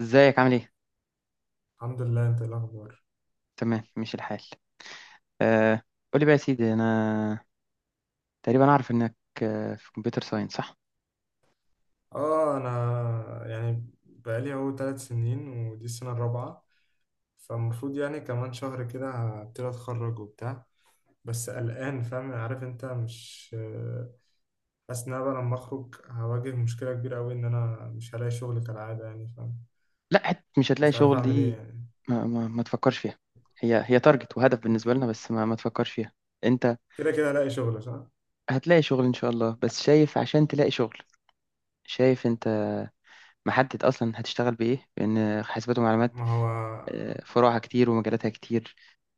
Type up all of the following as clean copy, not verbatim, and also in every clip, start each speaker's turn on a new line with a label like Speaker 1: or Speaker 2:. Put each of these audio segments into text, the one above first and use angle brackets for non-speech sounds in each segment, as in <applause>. Speaker 1: ازيك عامل ايه؟
Speaker 2: الحمد لله، انت ايه الاخبار؟
Speaker 1: تمام ماشي الحال. آه. قولي بقى يا سيدي، انا تقريبا اعرف انك في كمبيوتر ساينس صح؟
Speaker 2: اه، انا يعني بقالي اهو 3 سنين ودي السنه الرابعه. فالمفروض يعني كمان شهر كده هبتدي اتخرج وبتاع. بس قلقان فاهم عارف انت مش حاسس ان انا بقى لما اخرج هواجه مشكله كبيره قوي ان انا مش هلاقي شغل كالعاده يعني فاهم.
Speaker 1: لا حت مش هتلاقي
Speaker 2: مش عارف
Speaker 1: شغل
Speaker 2: اعمل ايه
Speaker 1: دي.
Speaker 2: يعني.
Speaker 1: ما تفكرش فيها. هي تارجت وهدف
Speaker 2: ك-
Speaker 1: بالنسبة لنا، بس ما تفكرش فيها. انت
Speaker 2: كده كده هلاقي شغل صح.
Speaker 1: هتلاقي شغل ان شاء الله، بس شايف عشان تلاقي شغل، شايف انت محدد اصلا هتشتغل بايه؟ لان حاسبات ومعلومات
Speaker 2: ما هو
Speaker 1: فروعها كتير ومجالاتها كتير.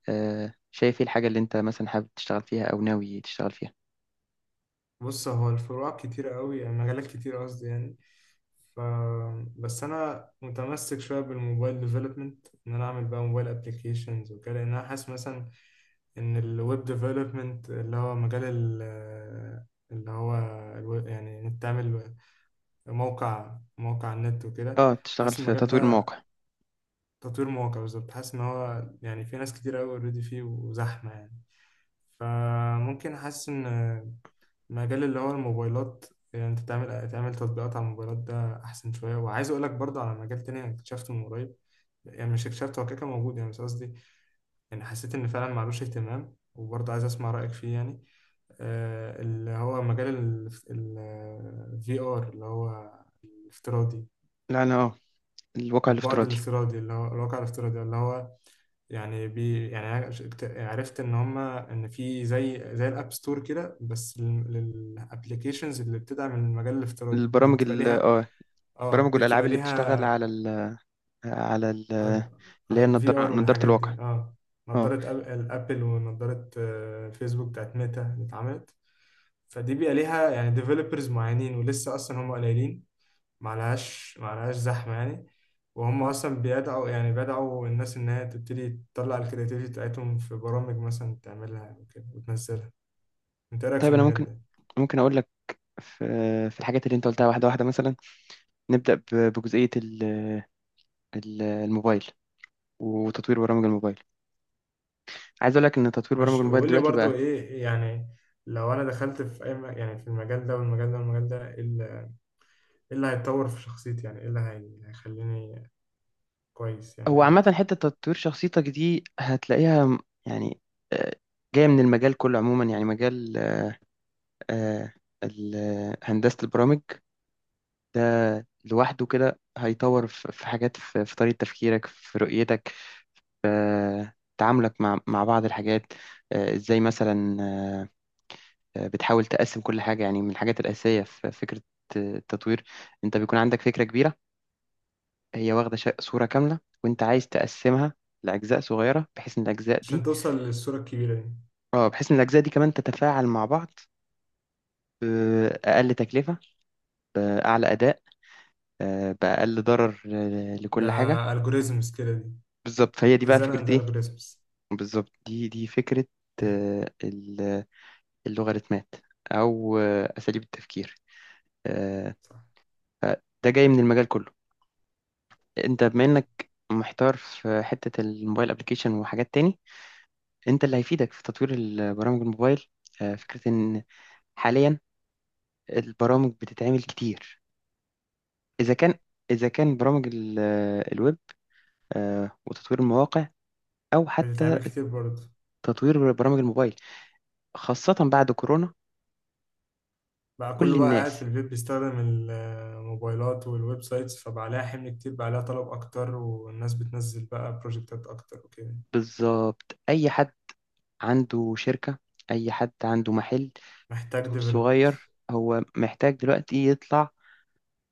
Speaker 1: شايف ايه الحاجة اللي انت مثلا حابب تشتغل فيها او ناوي تشتغل فيها؟
Speaker 2: بص، هو الفروع كتيرة قوي يعني مجالات كتير قصدي يعني. ف بس انا متمسك شويه بالموبايل ديفلوبمنت ان انا اعمل بقى موبايل ابلكيشنز وكده، لان انا حاسس مثلا ان الويب ديفلوبمنت اللي هو مجال اللي هو يعني انك تعمل موقع على النت وكده.
Speaker 1: اه تشتغل
Speaker 2: حاسس
Speaker 1: في
Speaker 2: المجال
Speaker 1: تطوير
Speaker 2: ده،
Speaker 1: المواقع.
Speaker 2: تطوير مواقع، بالظبط. حاسس ان هو يعني في ناس كتير قوي اوريدي فيه وزحمه يعني. فممكن حاسس ان مجال اللي هو الموبايلات، يعني انت تعمل تطبيقات على الموبايلات، ده احسن شويه. وعايز اقول لك برضه على مجال تاني انا اكتشفته من قريب، يعني مش اكتشفته، هو كده كده موجود يعني بس قصدي، يعني حسيت ان فعلا معلوش اهتمام، وبرضه عايز اسمع رايك فيه يعني. اللي هو مجال الفي ار اللي هو الافتراضي،
Speaker 1: لا انا اه، الواقع
Speaker 2: البعد
Speaker 1: الافتراضي.
Speaker 2: الافتراضي اللي هو الواقع الافتراضي، اللي هو يعني يعني عرفت ان هما ان في زي الاب ستور كده، بس للابلكيشنز اللي بتدعم المجال الافتراضي دي
Speaker 1: البرامج
Speaker 2: بتبقى
Speaker 1: ال
Speaker 2: ليها.
Speaker 1: اه،
Speaker 2: اه
Speaker 1: برامج
Speaker 2: دي
Speaker 1: والألعاب
Speaker 2: بتبقى
Speaker 1: اللي بتشتغل على
Speaker 2: ليها،
Speaker 1: ال، على ال،
Speaker 2: على
Speaker 1: اللي
Speaker 2: على
Speaker 1: هي
Speaker 2: الفي ار
Speaker 1: النضارة، نضارة
Speaker 2: والحاجات
Speaker 1: الواقع.
Speaker 2: دي، اه.
Speaker 1: اه
Speaker 2: نظارة الابل، ونظارة فيسبوك بتاعت ميتا اللي اتعملت، فدي بيبقى ليها يعني ديفلوبرز معينين، ولسه اصلا هم قليلين، معلهاش زحمة يعني. وهم أصلا بيدعوا، يعني بدعوا الناس إن هي تبتدي تطلع الكرياتيفيتي بتاعتهم في برامج مثلا تعملها وكده وتنزلها. أنت إيه رأيك في
Speaker 1: طيب أنا
Speaker 2: المجال
Speaker 1: ممكن،
Speaker 2: ده؟
Speaker 1: أقول لك في الحاجات اللي أنت قلتها واحدة واحدة. مثلا نبدأ بجزئية الموبايل وتطوير برامج الموبايل. عايز أقول لك إن تطوير برامج
Speaker 2: ماشي،
Speaker 1: الموبايل
Speaker 2: وقول لي
Speaker 1: دلوقتي
Speaker 2: برضو
Speaker 1: بقى،
Speaker 2: إيه يعني، لو أنا دخلت في أي يعني في المجال ده والمجال ده والمجال ده، إيه اللي، إيه اللي هيتطور في شخصيتي، يعني إيه اللي هيخليني كويس يعني
Speaker 1: هو عامة
Speaker 2: أكتر.
Speaker 1: حتة تطوير شخصيتك دي هتلاقيها يعني آه، جاية من المجال كله عموما. يعني مجال آه، هندسة البرامج ده لوحده كده هيطور في حاجات، في طريقة تفكيرك، في رؤيتك، في تعاملك مع بعض الحاجات. ازاي مثلا؟ بتحاول تقسم كل حاجة. يعني من الحاجات الأساسية في فكرة التطوير، انت بيكون عندك فكرة كبيرة، هي واخدة صورة كاملة، وانت عايز تقسمها لأجزاء صغيرة بحيث ان الأجزاء
Speaker 2: عشان
Speaker 1: دي،
Speaker 2: توصل للصورة الكبيرة دي.
Speaker 1: اه بحيث ان الأجزاء دي كمان تتفاعل مع بعض بأقل تكلفة، أعلى أداء، بأقل ضرر
Speaker 2: ده
Speaker 1: لكل حاجة.
Speaker 2: algorithms كده دي،
Speaker 1: بالظبط، فهي دي بقى
Speaker 2: design
Speaker 1: فكرة
Speaker 2: and
Speaker 1: ايه.
Speaker 2: algorithms.
Speaker 1: بالظبط، دي فكرة
Speaker 2: <laughs>
Speaker 1: آه، ال- اللوغاريتمات أو أساليب التفكير. آه،
Speaker 2: صح.
Speaker 1: ده جاي من المجال كله. أنت بما إنك محتار في حتة الموبايل أبليكيشن وحاجات تاني، أنت اللي هيفيدك في تطوير البرامج الموبايل فكرة إن حاليا البرامج بتتعمل كتير، إذا كان إذا كان برامج الويب وتطوير المواقع، أو حتى
Speaker 2: بتتعمل كتير برضه.
Speaker 1: تطوير برامج الموبايل، خاصة بعد كورونا.
Speaker 2: بقى
Speaker 1: كل
Speaker 2: كله بقى قاعد في
Speaker 1: الناس،
Speaker 2: البيت بيستخدم الموبايلات والويب سايتس، فبقى عليها حمل كتير، بقى عليها طلب أكتر، والناس بتنزل بقى بروجكتات أكتر وكده.
Speaker 1: بالظبط أي حد عنده شركة، أي حد عنده محل،
Speaker 2: محتاج
Speaker 1: دور صغير،
Speaker 2: ديفلوبرز.
Speaker 1: هو محتاج دلوقتي يطلع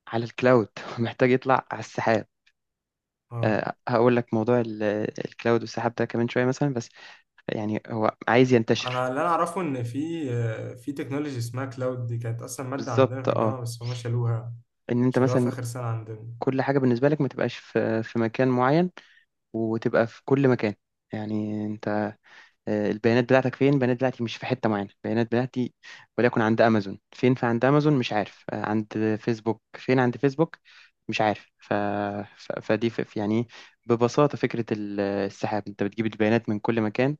Speaker 1: على الكلاود <laughs> محتاج يطلع على السحاب.
Speaker 2: اه.
Speaker 1: أه هقول لك موضوع الكلاود والسحاب ده كمان شوية، مثلا بس يعني هو عايز ينتشر.
Speaker 2: أنا اللي أنا أعرفه، إن في تكنولوجي اسمها كلاود، دي كانت أصلا مادة عندنا
Speaker 1: بالظبط
Speaker 2: في
Speaker 1: اه،
Speaker 2: الجامعة بس هما شالوها،
Speaker 1: إن أنت
Speaker 2: شالوها في
Speaker 1: مثلا
Speaker 2: آخر سنة عندنا.
Speaker 1: كل حاجة بالنسبة لك ما تبقاش في مكان معين، وتبقى في كل مكان. يعني أنت البيانات بتاعتك فين؟ البيانات بتاعتي مش في حتة معينة، البيانات بتاعتي وليكن عند أمازون، فين فعند أمازون مش عارف، عند فيسبوك، فين عند فيسبوك مش عارف. ف... ف... فدي يعني ببساطة فكرة السحاب، أنت بتجيب البيانات من كل مكان،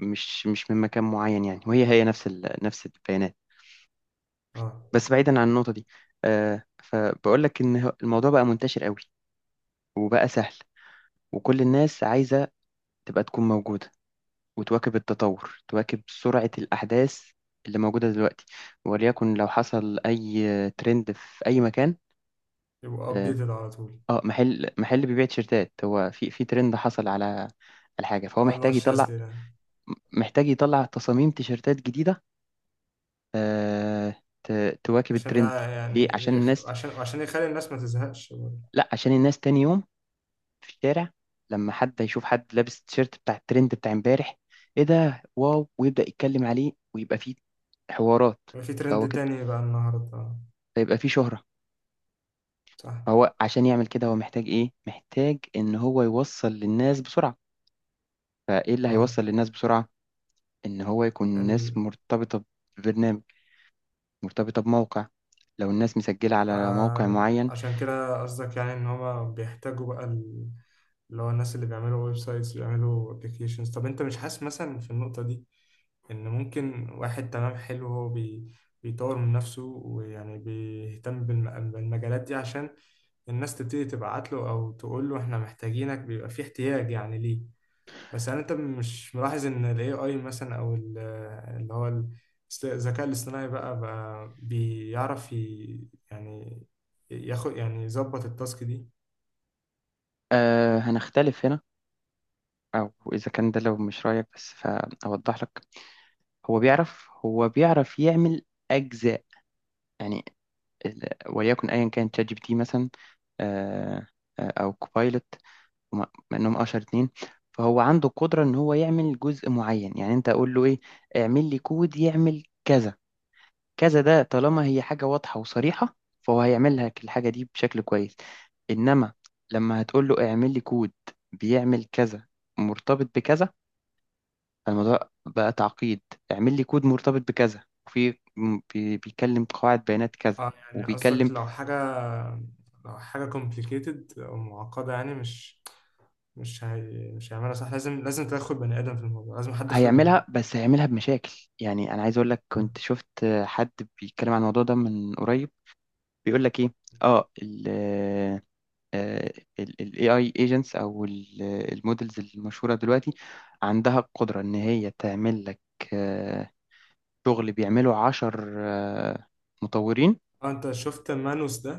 Speaker 1: مش من مكان معين يعني. وهي نفس نفس البيانات.
Speaker 2: اه،
Speaker 1: بس بعيدا عن النقطة دي، فبقول لك إن الموضوع بقى منتشر قوي وبقى سهل، وكل الناس عايزة تبقى تكون موجودة وتواكب التطور، تواكب سرعة الأحداث اللي موجودة دلوقتي. وليكن لو حصل أي ترند في أي مكان.
Speaker 2: يبقوا
Speaker 1: اه
Speaker 2: أبديتد على طول.
Speaker 1: محل بيبيع تيشيرتات، هو في ترند حصل على على حاجة، فهو
Speaker 2: اه، اللي هو
Speaker 1: محتاج يطلع،
Speaker 2: الشاذلي ده.
Speaker 1: محتاج يطلع تصاميم تيشيرتات جديدة. آه تواكب
Speaker 2: عشان
Speaker 1: الترند. ليه؟
Speaker 2: يعني
Speaker 1: عشان الناس،
Speaker 2: عشان يخلي الناس ما تزهقش برضه.
Speaker 1: لا عشان الناس تاني يوم في الشارع لما حد يشوف حد لابس تيشيرت بتاع الترند بتاع امبارح، ايه ده واو، ويبدأ يتكلم عليه ويبقى فيه حوارات.
Speaker 2: يبقى في
Speaker 1: فهو
Speaker 2: ترند
Speaker 1: كده
Speaker 2: تاني بقى النهاردة، اه.
Speaker 1: فيبقى فيه شهرة.
Speaker 2: صح.
Speaker 1: فهو عشان يعمل كده هو محتاج إيه؟ محتاج إن هو يوصل للناس بسرعة. فإيه اللي هيوصل للناس بسرعة؟ إن هو يكون
Speaker 2: اه،
Speaker 1: الناس مرتبطة ببرنامج، مرتبطة بموقع، لو الناس مسجلة على موقع معين.
Speaker 2: فعشان كده قصدك يعني ان هما بيحتاجوا بقى اللي هو الناس اللي بيعملوا ويب سايتس، اللي بيعملوا ابلكيشنز. طب انت مش حاسس مثلا في النقطة دي، ان ممكن واحد تمام حلو هو بيطور من نفسه ويعني بيهتم بالمجالات دي، عشان الناس تبتدي تبعت له، او تقول له احنا محتاجينك، بيبقى في احتياج يعني ليه. بس يعني انت مش ملاحظ ان ال AI مثلا، او اللي هو ال- الذكاء الاصطناعي بقى بيعرف يعني ياخد، يعني يظبط التاسك دي.
Speaker 1: آه هنختلف هنا. أو إذا كان ده لو مش رأيك، بس فأوضح لك، هو بيعرف يعمل أجزاء. يعني وليكن أيا كان شات جي بي تي مثلا، آه أو كوبايلوت وم- مع انهم اشهر اتنين. فهو عنده القدرة ان هو يعمل جزء معين. يعني انت اقول له ايه، اعمل لي كود يعمل كذا كذا، ده طالما هي حاجة واضحة وصريحة، فهو هيعمل لك الحاجة دي بشكل كويس. انما لما هتقول له اعمل لي كود بيعمل كذا مرتبط بكذا، فالموضوع بقى تعقيد. اعمل لي كود مرتبط بكذا وفي بيكلم قواعد بيانات كذا
Speaker 2: اه يعني قصدك
Speaker 1: وبيكلم،
Speaker 2: لو حاجة، لو حاجة complicated او معقدة، يعني مش هي، مش هيعملها صح، لازم تدخل بني ادم في الموضوع، لازم حد خبرة.
Speaker 1: هيعملها بس هيعملها بمشاكل. يعني انا عايز اقول لك، كنت شفت حد بيتكلم عن الموضوع ده من قريب، بيقول لك ايه، اه ال آه، ال AI agents او المودلز المشهورة دلوقتي، عندها القدرة ان هي تعمل لك آه، شغل بيعمله عشر مطورين.
Speaker 2: اه، انت شفت مانوس ده؟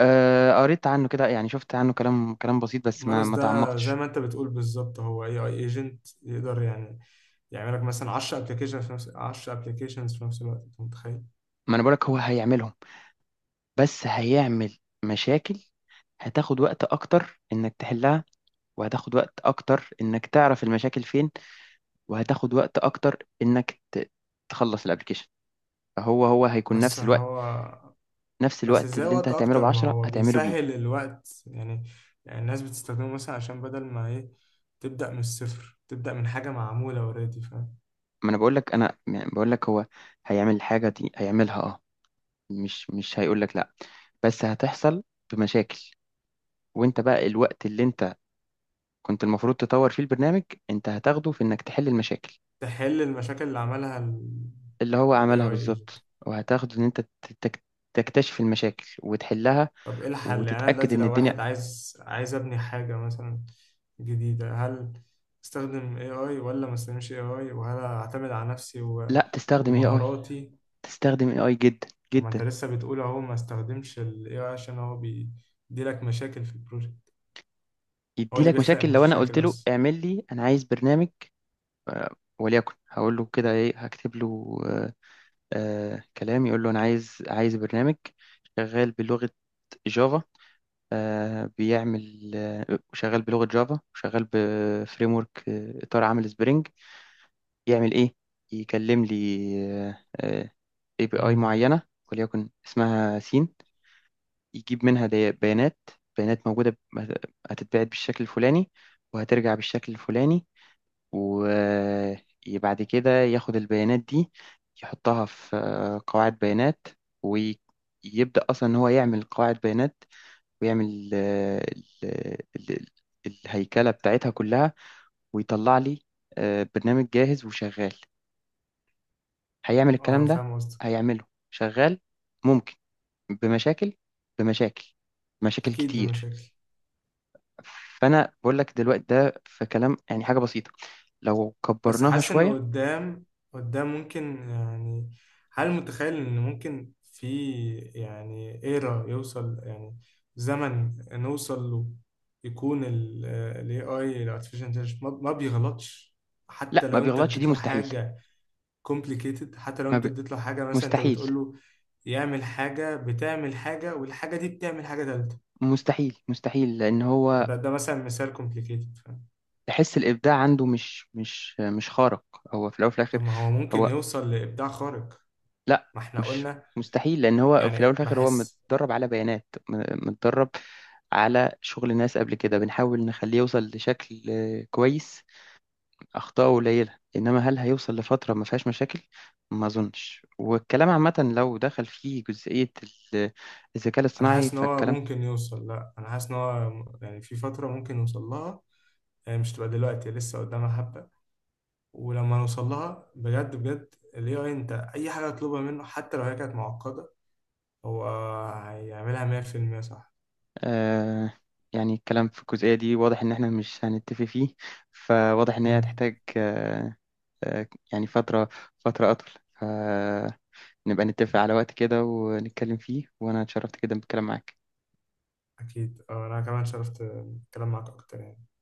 Speaker 1: قريت عنه كده، يعني شفت عنه كلام، كلام بسيط بس ما
Speaker 2: مانوس
Speaker 1: ما
Speaker 2: ده زي
Speaker 1: تعمقتش.
Speaker 2: ما انت بتقول بالظبط، هو اي اي ايجنت يقدر يعني يعمل لك مثلا 10 ابلكيشن في نفس 10 ابلكيشنز في نفس الوقت، انت متخيل؟
Speaker 1: ما انا بقولك هو هيعملهم، بس هيعمل مشاكل. هتاخد وقت اكتر انك تحلها، وهتاخد وقت اكتر انك تعرف المشاكل فين، وهتاخد وقت اكتر انك تخلص الابلكيشن. هو هيكون
Speaker 2: بس
Speaker 1: نفس الوقت،
Speaker 2: هو
Speaker 1: نفس
Speaker 2: بس
Speaker 1: الوقت
Speaker 2: ازاي
Speaker 1: اللي انت
Speaker 2: وقت
Speaker 1: هتعمله
Speaker 2: اكتر، ما
Speaker 1: بعشرة
Speaker 2: هو
Speaker 1: هتعمله بيه.
Speaker 2: بيسهل الوقت يعني. يعني الناس بتستخدمه مثلا عشان بدل ما ايه، تبدأ من الصفر، تبدأ من حاجة معمولة اوريدي، فاهم.
Speaker 1: ما انا بقول لك، انا يعني بقول لك هو هيعمل الحاجة دي، هيعملها اه، مش هيقول لك لا، بس هتحصل بمشاكل. وانت بقى الوقت اللي انت كنت المفروض تطور فيه البرنامج، انت هتاخده في انك تحل المشاكل
Speaker 2: تحل المشاكل اللي عملها
Speaker 1: اللي هو
Speaker 2: ال
Speaker 1: عملها
Speaker 2: AI.
Speaker 1: بالظبط، وهتاخده ان انت تك- تكتشف المشاكل وتحلها
Speaker 2: طب ايه الحل يعني؟ انا
Speaker 1: وتتأكد
Speaker 2: دلوقتي
Speaker 1: ان
Speaker 2: لو
Speaker 1: الدنيا.
Speaker 2: واحد عايز ابني حاجة مثلا جديدة، هل استخدم AI ولا ما استخدمش AI؟ وهل اعتمد على نفسي
Speaker 1: لا تستخدم اي اي،
Speaker 2: ومهاراتي؟
Speaker 1: تستخدم اي اي جدا
Speaker 2: طب ما انت
Speaker 1: جدا.
Speaker 2: لسه بتقول اهو، ما استخدمش ال AI عشان هو بيديلك مشاكل في البروجكت، هو
Speaker 1: يدي
Speaker 2: اللي
Speaker 1: لك
Speaker 2: بيخلق
Speaker 1: مشاكل لو انا قلت
Speaker 2: مشاكل
Speaker 1: له
Speaker 2: اصلا.
Speaker 1: اعمل لي، انا عايز برنامج، وليكن هقول له كده ايه، هكتب له كلام يقول له انا عايز، عايز برنامج شغال بلغة جافا، آه بيعمل آه شغال بلغة جافا وشغال بفريم ورك، آه اطار عامل سبرينج، يعمل ايه، يكلم لي آه اي بي اي
Speaker 2: امم.
Speaker 1: معينة وليكن اسمها سين، يجيب منها بيانات، موجودة هتتبعت بالشكل الفلاني وهترجع بالشكل الفلاني، وبعد كده ياخد البيانات دي يحطها في قواعد بيانات، ويبدأ أصلا إن هو يعمل قواعد بيانات ويعمل ال- الهيكلة بتاعتها كلها، ويطلع لي برنامج جاهز وشغال. هيعمل
Speaker 2: اه،
Speaker 1: الكلام ده،
Speaker 2: فاهم قصدك.
Speaker 1: هيعمله شغال، ممكن بمشاكل، بمشاكل، مشاكل
Speaker 2: اكيد
Speaker 1: كتير.
Speaker 2: بمشاكل.
Speaker 1: فأنا بقول لك دلوقتي ده في كلام، يعني حاجة بسيطة، لو
Speaker 2: بس
Speaker 1: كبرناها
Speaker 2: حاسس إنه
Speaker 1: شوية.
Speaker 2: قدام، قدام ممكن يعني، هل متخيل إن ممكن في يعني إيرا يوصل، يعني زمن نوصل له يكون ال AI، ال Artificial Intelligence ما بيغلطش، حتى
Speaker 1: لا ما
Speaker 2: لو أنت
Speaker 1: بيغلطش دي
Speaker 2: اديت له
Speaker 1: مستحيل.
Speaker 2: حاجة complicated؟ حتى لو
Speaker 1: ما
Speaker 2: أنت
Speaker 1: ب...
Speaker 2: اديت له حاجة، مثلا أنت
Speaker 1: مستحيل،
Speaker 2: بتقول له يعمل حاجة بتعمل حاجة، والحاجة دي بتعمل حاجة تالتة،
Speaker 1: مستحيل، مستحيل لان هو،
Speaker 2: ده مثلا مثال complicated، فاهم؟
Speaker 1: تحس الابداع عنده مش مش خارق. هو في الاول وفي
Speaker 2: طب
Speaker 1: الاخر
Speaker 2: ما هو ممكن
Speaker 1: هو،
Speaker 2: يوصل لإبداع خارق،
Speaker 1: لا
Speaker 2: ما احنا
Speaker 1: مش
Speaker 2: قلنا،
Speaker 1: مستحيل لان هو في الاول
Speaker 2: يعني
Speaker 1: وفي الاخر هو
Speaker 2: بحس،
Speaker 1: متدرب على بيانات، متدرب على شغل ناس قبل كده، بنحاول نخليه يوصل لشكل كويس، اخطاءه قليله. انما هل هيوصل لفتره ما فيهاش مشاكل؟ ما اظنش. والكلام عامه لو دخل فيه جزئيه الذكاء
Speaker 2: انا
Speaker 1: الاصطناعي
Speaker 2: حاسس ان هو
Speaker 1: فالكلام.
Speaker 2: ممكن يوصل، لا، انا حاسس ان هو يعني في فتره ممكن يوصل لها، يعني مش تبقى دلوقتي لسه قدامها حبه، ولما نوصل لها بجد بجد، الاي اي، انت اي حاجه تطلبها منه حتى لو هي كانت معقده، هو هيعملها 100% صح.
Speaker 1: آه يعني الكلام في الجزئية دي واضح إن إحنا مش هنتفق فيه. فواضح إن هي
Speaker 2: امم،
Speaker 1: هتحتاج يعني فترة، فترة أطول، فنبقى نتفق على وقت كده ونتكلم فيه. وأنا اتشرفت جدا بالكلام معاك.
Speaker 2: اكيد، انا كمان شرفت الكلام معاك اكتر يعني.